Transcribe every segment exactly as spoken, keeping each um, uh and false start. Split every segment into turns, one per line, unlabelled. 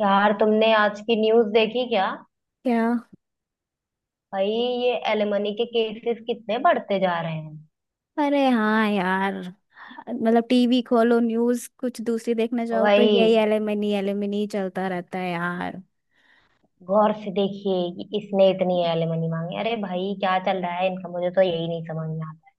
यार, तुमने आज की न्यूज़ देखी क्या।
क्या।
भाई, ये एलिमनी के केसेस कितने बढ़ते जा रहे हैं।
अरे, हाँ यार। मतलब टीवी खोलो, न्यूज कुछ दूसरी देखने जाओ तो यही
वही।
एलिमिनी एलिमिनी चलता रहता है यार।
गौर से देखिए कि इसने इतनी एलिमनी मांगी। अरे भाई, क्या चल रहा है इनका। मुझे तो यही नहीं समझ में आता।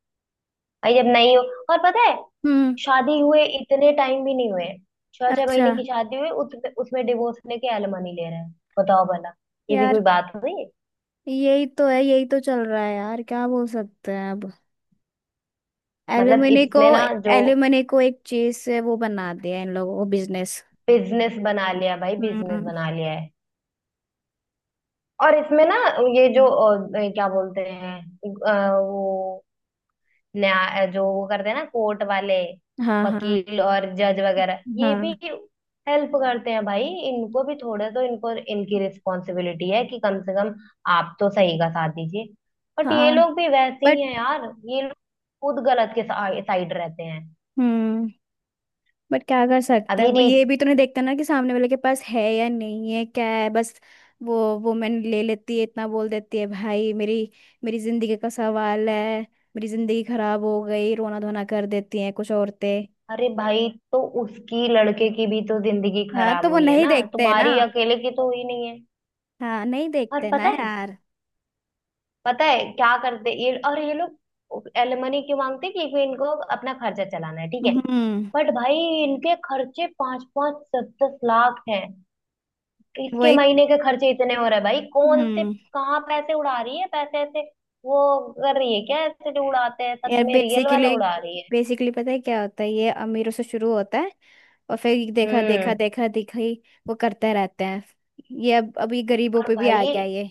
भाई जब नहीं हो। और पता है।
हम्म।
शादी हुए इतने टाइम भी नहीं हुए। छह छह
अच्छा।
महीने की शादी हुई, उसमें उसमें डिवोर्स लेके एलिमनी ले रहे हैं। बताओ भला। ये भी
यार,
कोई बात हुई।
यही तो है, यही तो चल रहा है यार, क्या बोल सकते हैं अब।
मतलब
एलिमिनी को
इसमें ना जो।
एलिमिनी को एक चीज से वो बना दिया, इन लोगों को बिजनेस।
बिजनेस बना लिया भाई, बिजनेस
हम्म।
बना लिया है। और इसमें ना। ये जो
हम्म।
अ, ये क्या बोलते हैं। अ, वो। न्याय जो वो करते हैं ना, कोर्ट वाले।
हाँ, हाँ,
वकील और जज वगैरह, ये
हाँ,
भी हेल्प करते हैं भाई, इनको भी थोड़े तो इनको इनकी रिस्पॉन्सिबिलिटी है कि कम से कम आप तो सही का साथ दीजिए। बट ये
हाँ।
लोग भी वैसे
बट
ही हैं यार। ये लोग खुद गलत के साइड रहते हैं।
हम्म बट क्या कर सकते हैं,
अभी
वो ये
रीच।
भी तो नहीं देखते ना कि सामने वाले के पास है या नहीं है, क्या है बस। वो वुमेन ले लेती है, इतना बोल देती है, भाई मेरी मेरी जिंदगी का सवाल है। मेरी जिंदगी खराब हो गई, रोना धोना कर देती हैं कुछ औरतें।
अरे भाई, तो उसकी लड़के की भी तो जिंदगी
हाँ,
खराब
तो वो
हुई है
नहीं
ना,
देखते हैं ना।
तुम्हारी अकेले की तो हुई नहीं है।
हाँ, नहीं
और
देखते ना
पता है।
यार।
पता है क्या करते ये, और ये लोग एलिमनी क्यों मांगते कि कोई इनको अपना खर्चा चलाना है, ठीक है।
हम्म।
बट भाई, इनके खर्चे पांच पांच दस दस लाख हैं। इसके
वही।
महीने के खर्चे इतने हो रहे हैं भाई, कौन से।
हम्म।
कहाँ पैसे उड़ा रही है, पैसे ऐसे वो कर रही है क्या? ऐसे जो उड़ाते हैं सच
यार,
में, रियल
बेसिकली
वाला उड़ा रही है।
बेसिकली पता है क्या होता है, ये अमीरों से शुरू होता है, और फिर देखा देखा
हम्म।
देखा देखा ही वो करते रहते हैं, ये अब अभी गरीबों
और
पे भी आ
भाई,
गया ये।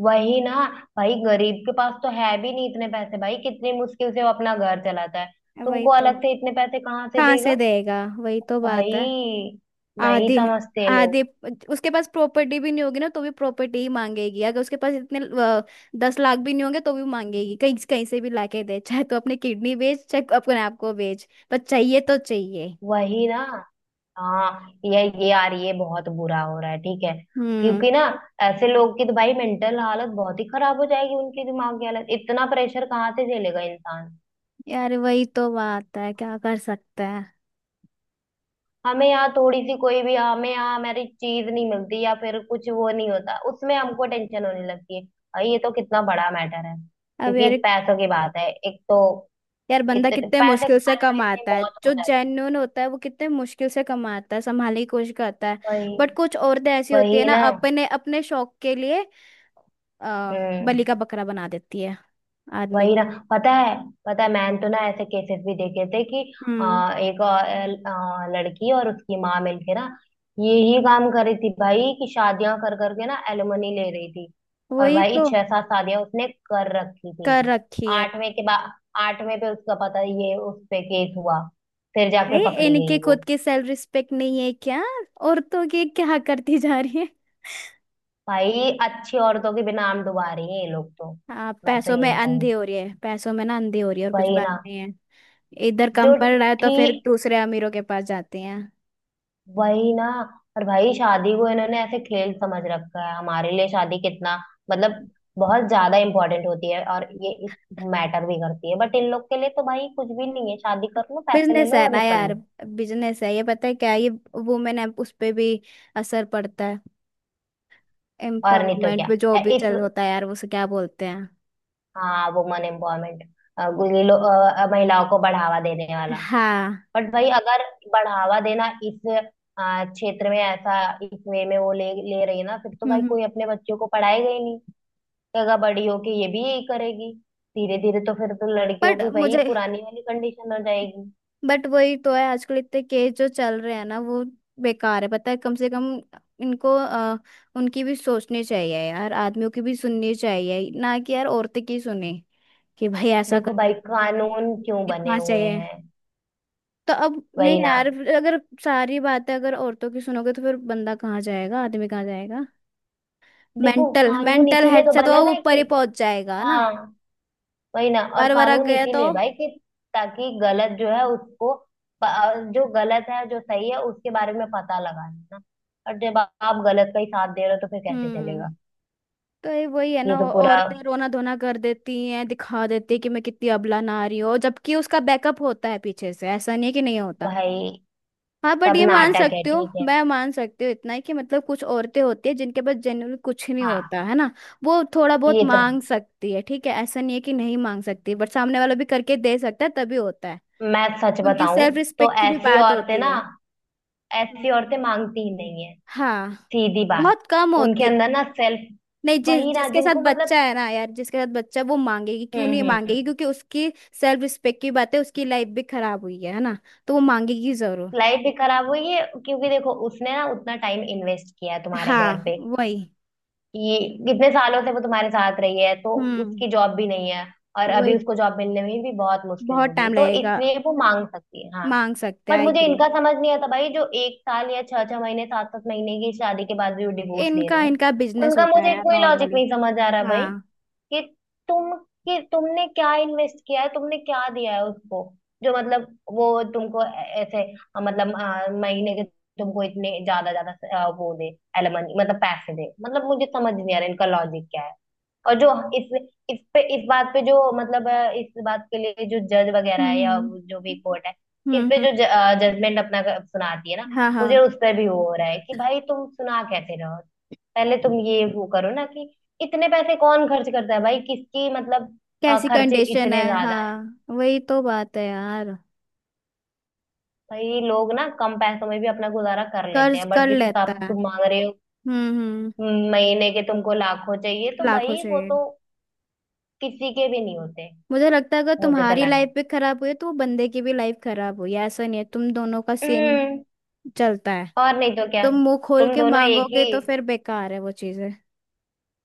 वही ना। भाई, गरीब के पास तो है भी नहीं इतने पैसे। भाई, कितनी मुश्किल से वो अपना घर चलाता है।
वही
तुमको
तो।
अलग से इतने पैसे कहाँ से
कहाँ से
देगा।
देगा, वही तो बात है।
भाई, नहीं
आधे,
समझते लोग।
आधे उसके पास प्रॉपर्टी भी नहीं होगी ना, तो भी प्रॉपर्टी ही मांगेगी। अगर उसके पास इतने अ, दस लाख भी नहीं होंगे तो भी मांगेगी, कहीं कहीं से भी लाके दे, चाहे तो अपने किडनी बेच, चाहे अपने आप को बेच, पर चाहिए तो चाहिए।
वही ना। हाँ, ये ये यार, ये बहुत बुरा हो रहा है, ठीक है।
हम्म।
क्योंकि ना ऐसे लोग की तो भाई मेंटल हालत बहुत ही खराब हो जाएगी। उनकी दिमाग की हालत, इतना प्रेशर कहाँ से झेलेगा इंसान।
यार वही तो बात है, क्या कर सकते हैं
हमें यहाँ थोड़ी सी कोई भी, हमें यहाँ हमारी चीज नहीं मिलती या फिर कुछ वो नहीं होता, उसमें हमको टेंशन होने लगती है। भाई, ये तो कितना बड़ा मैटर है
अब
क्योंकि
यार।
पैसों की बात है एक तो।
यार बंदा
इतने
कितने
पैसे
मुश्किल से
कमाने में इतनी
कमाता है,
मौत
जो
हो जाती है।
जेन्युइन होता है वो कितने मुश्किल से कमाता है, संभालने की कोशिश करता है।
वही।
बट कुछ औरतें ऐसी होती है
वही
ना,
ना।
अपने अपने शौक के लिए आ,
हम्म।
बलि का बकरा बना देती है आदमी
वही ना।
को।
पता है। पता है, मैंने तो ना ऐसे केसेस भी देखे थे कि
हम्म।
आ, एक आ, आ, लड़की और उसकी माँ मिलके ना यही काम कर रही थी भाई, कि शादियां कर करके ना एलिमनी ले रही थी। और
वही
भाई,
तो।
छह सात शादियां उसने कर रखी थी।
कर रखी है
आठवें के बाद आठवें पे उसका पता, ये उस पे केस हुआ। फिर जाके
भाई।
पकड़ी
इनके
गई वो।
खुद की सेल्फ रिस्पेक्ट नहीं है क्या? औरतों की क्या करती जा रही है।
भाई, अच्छी औरतों के भी नाम डुबा रही है ये लोग तो।
हाँ,
मैं तो
पैसों में
यही कहूँ।
अंधी हो रही है, पैसों में ना अंधी हो रही है, और कुछ
वही
बात
ना।
नहीं है। इधर कम
जो।
पड़ रहा है तो फिर
ठीक।
दूसरे अमीरों के पास जाते हैं।
वही ना। और भाई, शादी को इन्होंने ऐसे खेल समझ रखा है। हमारे लिए शादी कितना, मतलब, बहुत ज्यादा इम्पोर्टेंट होती है और ये इस मैटर भी करती है। बट इन लोग के लिए तो भाई कुछ भी नहीं है, शादी कर लो, पैसे ले
बिजनेस
लो
है
और
ना
निकल
यार,
लो।
बिजनेस है ये, पता है क्या ये, वुमेन है, उस पे भी असर पड़ता है,
और नहीं तो
एम्पावरमेंट
क्या।
पे जो
अ,
भी
इस,
चल होता है यार, उसे क्या बोलते हैं।
हाँ, वुमन एम्पावरमेंट। ये लोग अ, महिलाओं को बढ़ावा देने वाला।
हाँ।
बट भाई, अगर बढ़ावा देना इस अ, क्षेत्र में ऐसा इस वे में वो ले ले रही है ना, फिर तो भाई
हम्म। हम्म।
कोई अपने बच्चों को पढ़ाएगा ही नहीं। जगह बड़ी होके ये भी यही करेगी। धीरे धीरे तो फिर तो लड़कियों
बट
की वही
मुझे
पुरानी वाली कंडीशन हो जाएगी।
बट वही तो है, आजकल इतने केस जो चल रहे हैं ना वो बेकार है, पता है। कम से कम इनको अ, उनकी भी सोचनी चाहिए यार, आदमियों की भी सुननी चाहिए ना, कि यार औरतें की सुने कि भाई ऐसा
देखो
करके
भाई,
वो कर-
कानून क्यों बने
इतना
हुए
चाहिए
हैं।
तो अब नहीं
वही ना।
यार। अगर सारी बातें अगर औरतों की सुनोगे तो फिर बंदा कहाँ जाएगा, आदमी कहाँ जाएगा।
देखो,
मेंटल
कानून
मेंटल
इसीलिए
हेड
तो
से तो
बना
वो
ना
ऊपर ही
कि,
पहुंच जाएगा ना,
हाँ, वही ना। और
बार बार
कानून
गया तो।
इसीलिए भाई कि ताकि गलत जो है उसको, प- जो गलत है जो सही है उसके बारे में पता लगा ना। और जब आप गलत का ही साथ दे रहे हो तो फिर कैसे
हम्म।
चलेगा।
तो ये वही है ना,
ये तो
औ-
पूरा,
औरतें रोना धोना कर देती हैं, दिखा देती हैं कि मैं कितनी अबला नारी हूँ, जबकि उसका बैकअप होता है पीछे से, ऐसा नहीं है कि नहीं होता।
भाई,
हाँ। बट
सब
ये मान
नाटक है,
सकते हो,
ठीक है।
मैं मान सकती हूँ इतना ही कि मतलब कुछ औरतें होती है जिनके पास जनरल कुछ नहीं
हाँ।
होता है ना, वो थोड़ा बहुत
ये तो है।
मांग सकती है, ठीक है, ऐसा नहीं है कि नहीं मांग सकती, बट सामने वाला भी करके दे सकता है तभी होता है।
मैं सच
उनकी
बताऊं,
सेल्फ
तो
रिस्पेक्ट की भी
ऐसी
बात
औरतें
होती
ना,
है। हम्म।
ऐसी औरतें मांगती ही नहीं है।
हाँ।
सीधी बात।
बहुत कम
उनके
होती है।
अंदर ना सेल्फ,
नहीं, जिस
वही ना,
जिसके साथ
जिनको मतलब,
बच्चा है ना यार, जिसके साथ बच्चा है, वो मांगेगी, क्यों नहीं
हम्म
मांगेगी,
हम्म।
क्योंकि उसकी सेल्फ रिस्पेक्ट की बात है, उसकी लाइफ भी खराब हुई है है ना। तो वो मांगेगी जरूर।
लाइफ भी खराब हुई है, क्योंकि देखो उसने ना उतना टाइम इन्वेस्ट किया है तुम्हारे घर
हाँ,
पे,
वही।
कि कितने सालों से वो तुम्हारे साथ रही है, तो
हम्म।
उसकी जॉब भी नहीं है। और अभी
वही।
उसको जॉब मिलने में भी बहुत मुश्किल
बहुत
होगी,
टाइम
तो
लगेगा,
इसलिए वो मांग सकती है, हाँ।
मांग सकते हैं,
बट
आई
मुझे
एग्री।
इनका समझ नहीं आता भाई, जो एक साल या छह छह महीने सात सात महीने की शादी के बाद भी वो डिवोर्स ले
इनका
रहे हैं।
इनका बिजनेस
उनका
होता है
मुझे
यार,
कोई लॉजिक
नॉर्मली।
नहीं समझ आ रहा भाई।
हाँ।
कि तुम कि तुमने क्या इन्वेस्ट किया है, तुमने क्या दिया है उसको। जो मतलब वो तुमको ऐ- ऐसे अ, मतलब अ, महीने के तुमको इतने ज्यादा ज्यादा अ, वो दे, एलमनी मतलब पैसे दे, मतलब मुझे समझ नहीं आ रहा इनका लॉजिक क्या है। और जो इस इस पे इस बात पे जो मतलब अ, इस बात के लिए जो जज वगैरह है या
हम्म।
वो जो भी कोर्ट है, इस
हम्म।
पे
हम्म।
जो जजमेंट अपना क- सुनाती है ना,
हाँ,
मुझे
हाँ।
उस पर भी वो हो रहा है कि भाई, तुम सुना कैसे रहो। पहले तुम ये वो करो ना, कि इतने पैसे कौन खर्च करता है भाई, किसकी मतलब, अ,
कैसी
खर्चे
कंडीशन
इतने
है,
ज्यादा हैं।
हाँ वही तो बात है यार।
भाई, लोग ना कम पैसों में भी अपना गुजारा कर लेते
कर्ज
हैं, बट
कर
जिस
लेता
हिसाब से
है।
तुम मांग रहे हो,
हम्म। हम्म।
हम्म, महीने के तुमको लाखों चाहिए तो
लाखों
भाई वो
चाहिए।
तो किसी के भी नहीं होते।
मुझे लगता है अगर
मुझे तो
तुम्हारी
लग रहा
लाइफ भी खराब हुई है तो वो बंदे की भी लाइफ खराब हुई है, ऐसा नहीं है, तुम दोनों का सेम
है।
चलता है।
और नहीं तो क्या।
तुम मुंह खोल
तुम
के
दोनों एक
मांगोगे
ही,
तो फिर बेकार है वो चीजें।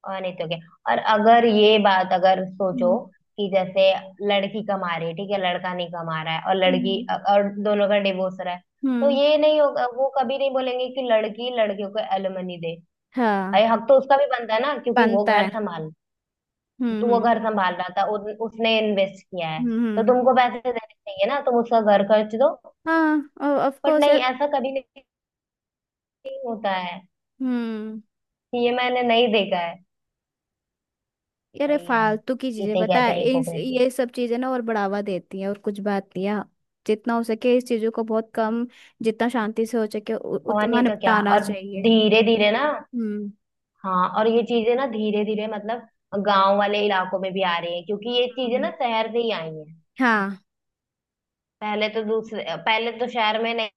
और नहीं तो क्या। और अगर ये बात अगर सोचो
हम्म।
कि जैसे लड़की कमा रही है, ठीक है, लड़का नहीं कमा रहा है, और लड़की,
हम्म।
और दोनों का डिवोर्स हो रहा है, तो
हम्म।
ये नहीं होगा, वो कभी नहीं बोलेंगे कि लड़की लड़कियों को एलिमनी दे। भाई,
हाँ।
हक तो उसका भी बनता है ना, क्योंकि वो
बनता
घर
है।
संभाल, तो
हम्म।
वो
हम्म।
घर संभाल रहा था, उन, उसने इन्वेस्ट किया है। तो
हम्म।
तुमको पैसे देने चाहिए ना, तुम उसका घर खर्च दो।
हाँ, और ऑफ
बट
कोर्स
नहीं,
यार।
ऐसा कभी नहीं होता है।
हम्म।
ये मैंने नहीं देखा है।
यार ये
वही है।
फालतू की चीजें,
इसे
पता
कहते
है
हैं
इस
हिपोक्रेसी।
ये सब चीजें ना और बढ़ावा देती हैं, और कुछ बात नहीं है। जितना हो सके इस चीजों को बहुत कम, जितना शांति से हो सके उ-
और
उतना
नहीं तो क्या,
निपटाना
और
चाहिए।
धीरे धीरे ना।
हम्म।
हाँ, और ये चीजें ना धीरे धीरे, मतलब गांव वाले इलाकों में भी आ रही है, क्योंकि ये चीजें ना
हम्म।
शहर से ही आई हैं।
हाँ।
पहले तो दूसरे पहले तो शहर में नहीं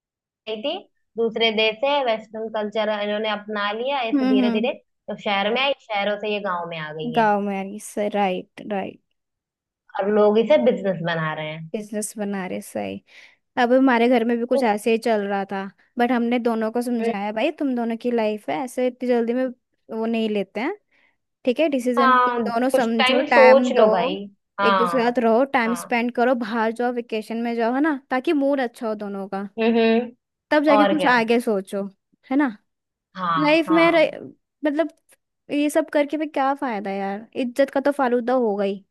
नहीं थी। दूसरे देश से वेस्टर्न कल्चर इन्होंने अपना लिया
हम्म।
ऐसे धीरे
हम्म।
धीरे। तो शहर में आई, शहरों से ये गांव में आ गई है।
गाँव में यार, सही, राइट, राइट।
और लोग इसे बिजनेस बना रहे हैं।
बिजनेस बना रहे, सही। अब हमारे घर में भी कुछ ऐसे ही चल रहा था, बट हमने दोनों को
हम्म।
समझाया, भाई तुम दोनों की लाइफ है, ऐसे इतनी जल्दी में वो नहीं लेते हैं। ठीक है, डिसीजन तुम
हाँ,
दोनों
कुछ
समझो,
टाइम
टाइम
सोच
दो।
लो भाई।
एक दूसरे के
हाँ,
साथ रहो, टाइम
हाँ।
स्पेंड करो, बाहर जाओ, वेकेशन में जाओ, है ना, ताकि मूड अच्छा हो दोनों का।
हम्म हम्म।
तब जाके
और
कुछ
क्या।
आगे सोचो। है ना।
हाँ,
लाइफ में
हाँ।
रह- मतलब ये सब करके भी क्या फायदा यार, इज्जत का तो फालूदा हो गई।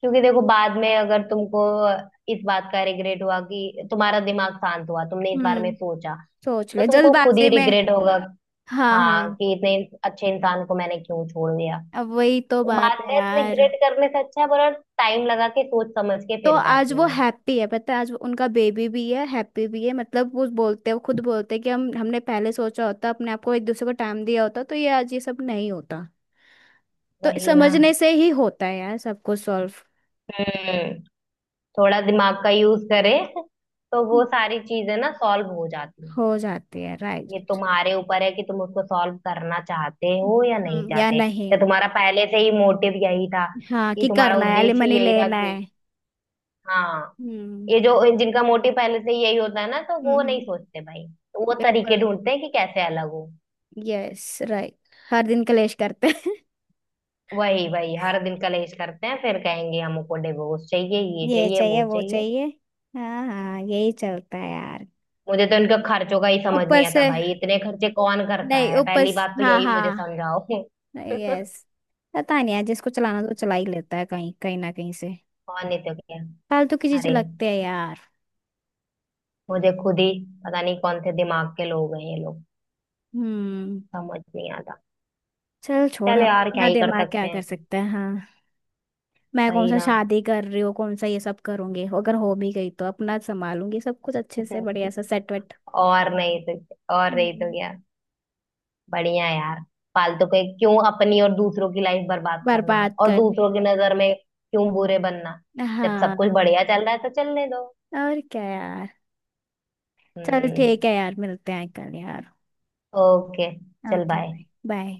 क्योंकि देखो, बाद में अगर तुमको इस बात का रिग्रेट हुआ, कि तुम्हारा दिमाग शांत हुआ, तुमने इस बारे में
हम्म।
सोचा,
सोच
तो
ले,
तुमको खुद ही
जल्दबाजी में।
रिग्रेट होगा।
हाँ,
हाँ,
हाँ।
कि इतने अच्छे इंसान को मैंने क्यों छोड़ दिया।
अब वही तो
तो
बात
बाद
है
में
यार।
रिग्रेट करने से अच्छा है, बोला टाइम लगा के सोच समझ के
तो
फिर
आज
फैसले
वो
लो।
हैप्पी है, पता है, आज वो- उनका बेबी भी है, हैप्पी भी है, मतलब वो बोलते हैं, वो खुद बोलते हैं कि हम हमने पहले सोचा होता, अपने आप को एक दूसरे को टाइम दिया होता तो ये आज ये सब नहीं होता। तो
वही ना।
समझने से ही होता है यार, सब कुछ सॉल्व।
हम्म। थोड़ा दिमाग का यूज करे तो वो सारी चीजें ना सॉल्व हो जाती हैं।
हो जाती है, राइट।
ये तुम्हारे ऊपर है कि तुम उसको सॉल्व करना चाहते हो या नहीं
हम्म, या
चाहते।
नहीं।
या तुम्हारा पहले से ही मोटिव यही था,
हाँ,
कि
कि
तुम्हारा
करना है,
उद्देश्य ही
एलिमनी
यही था
लेना है।
कि, हाँ,
हम्म।
ये जो जिनका मोटिव पहले से ही यही होता है ना, तो वो नहीं
हम्म।
सोचते भाई। तो वो
बिल्कुल
तरीके
नहीं।
ढूंढते हैं कि कैसे अलग हो।
यस। राइट। हर दिन कलेश करते हैं।
वही वही, हर दिन कलेश करते हैं, फिर कहेंगे हमको डिवोर्स चाहिए, ये
ये
चाहिए,
चाहिए
वो
वो
चाहिए।
चाहिए। हाँ, हाँ, यही चलता है यार।
मुझे तो इनका खर्चों का ही समझ
ऊपर
नहीं आता
से।
भाई, इतने खर्चे कौन करता
नहीं,
है। पहली
उपस,
बात तो
हाँ,
यही मुझे
हाँ।
समझाओ कौन।
यस। पता नहीं यार, जिसको चलाना तो चला ही लेता है कहीं कहीं ना कहीं से।
नहीं तो क्या।
फालतू की चीजें
अरे,
लगते हैं यार।
मुझे खुद ही पता नहीं कौन से दिमाग के लोग हैं ये लोग।
हम्म।
समझ नहीं आता।
चल छोड़,
चल
अब
यार, क्या
अपना
ही कर
दिमाग क्या
सकते
कर
हैं।
सकता है, हाँ। मैं कौन
सही
सा
ना।
शादी कर रही हूँ, कौन सा ये सब करूंगी, अगर हो भी गई तो अपना संभालूंगी सब कुछ अच्छे से, बढ़िया सा सेट वेट।
और नहीं तो, और नहीं तो
हम्म।
क्या। बढ़िया यार। फालतू के क्यों अपनी और दूसरों की लाइफ बर्बाद करना
बर्बाद
और
कर ले।
दूसरों की नजर में क्यों बुरे बनना। जब सब कुछ
हाँ,
बढ़िया चल रहा है तो चलने दो।
और क्या यार। चल,
हम्म।
ठीक है यार, मिलते हैं कल यार।
ओके। चल
ओके।
बाय।
Bye, bye.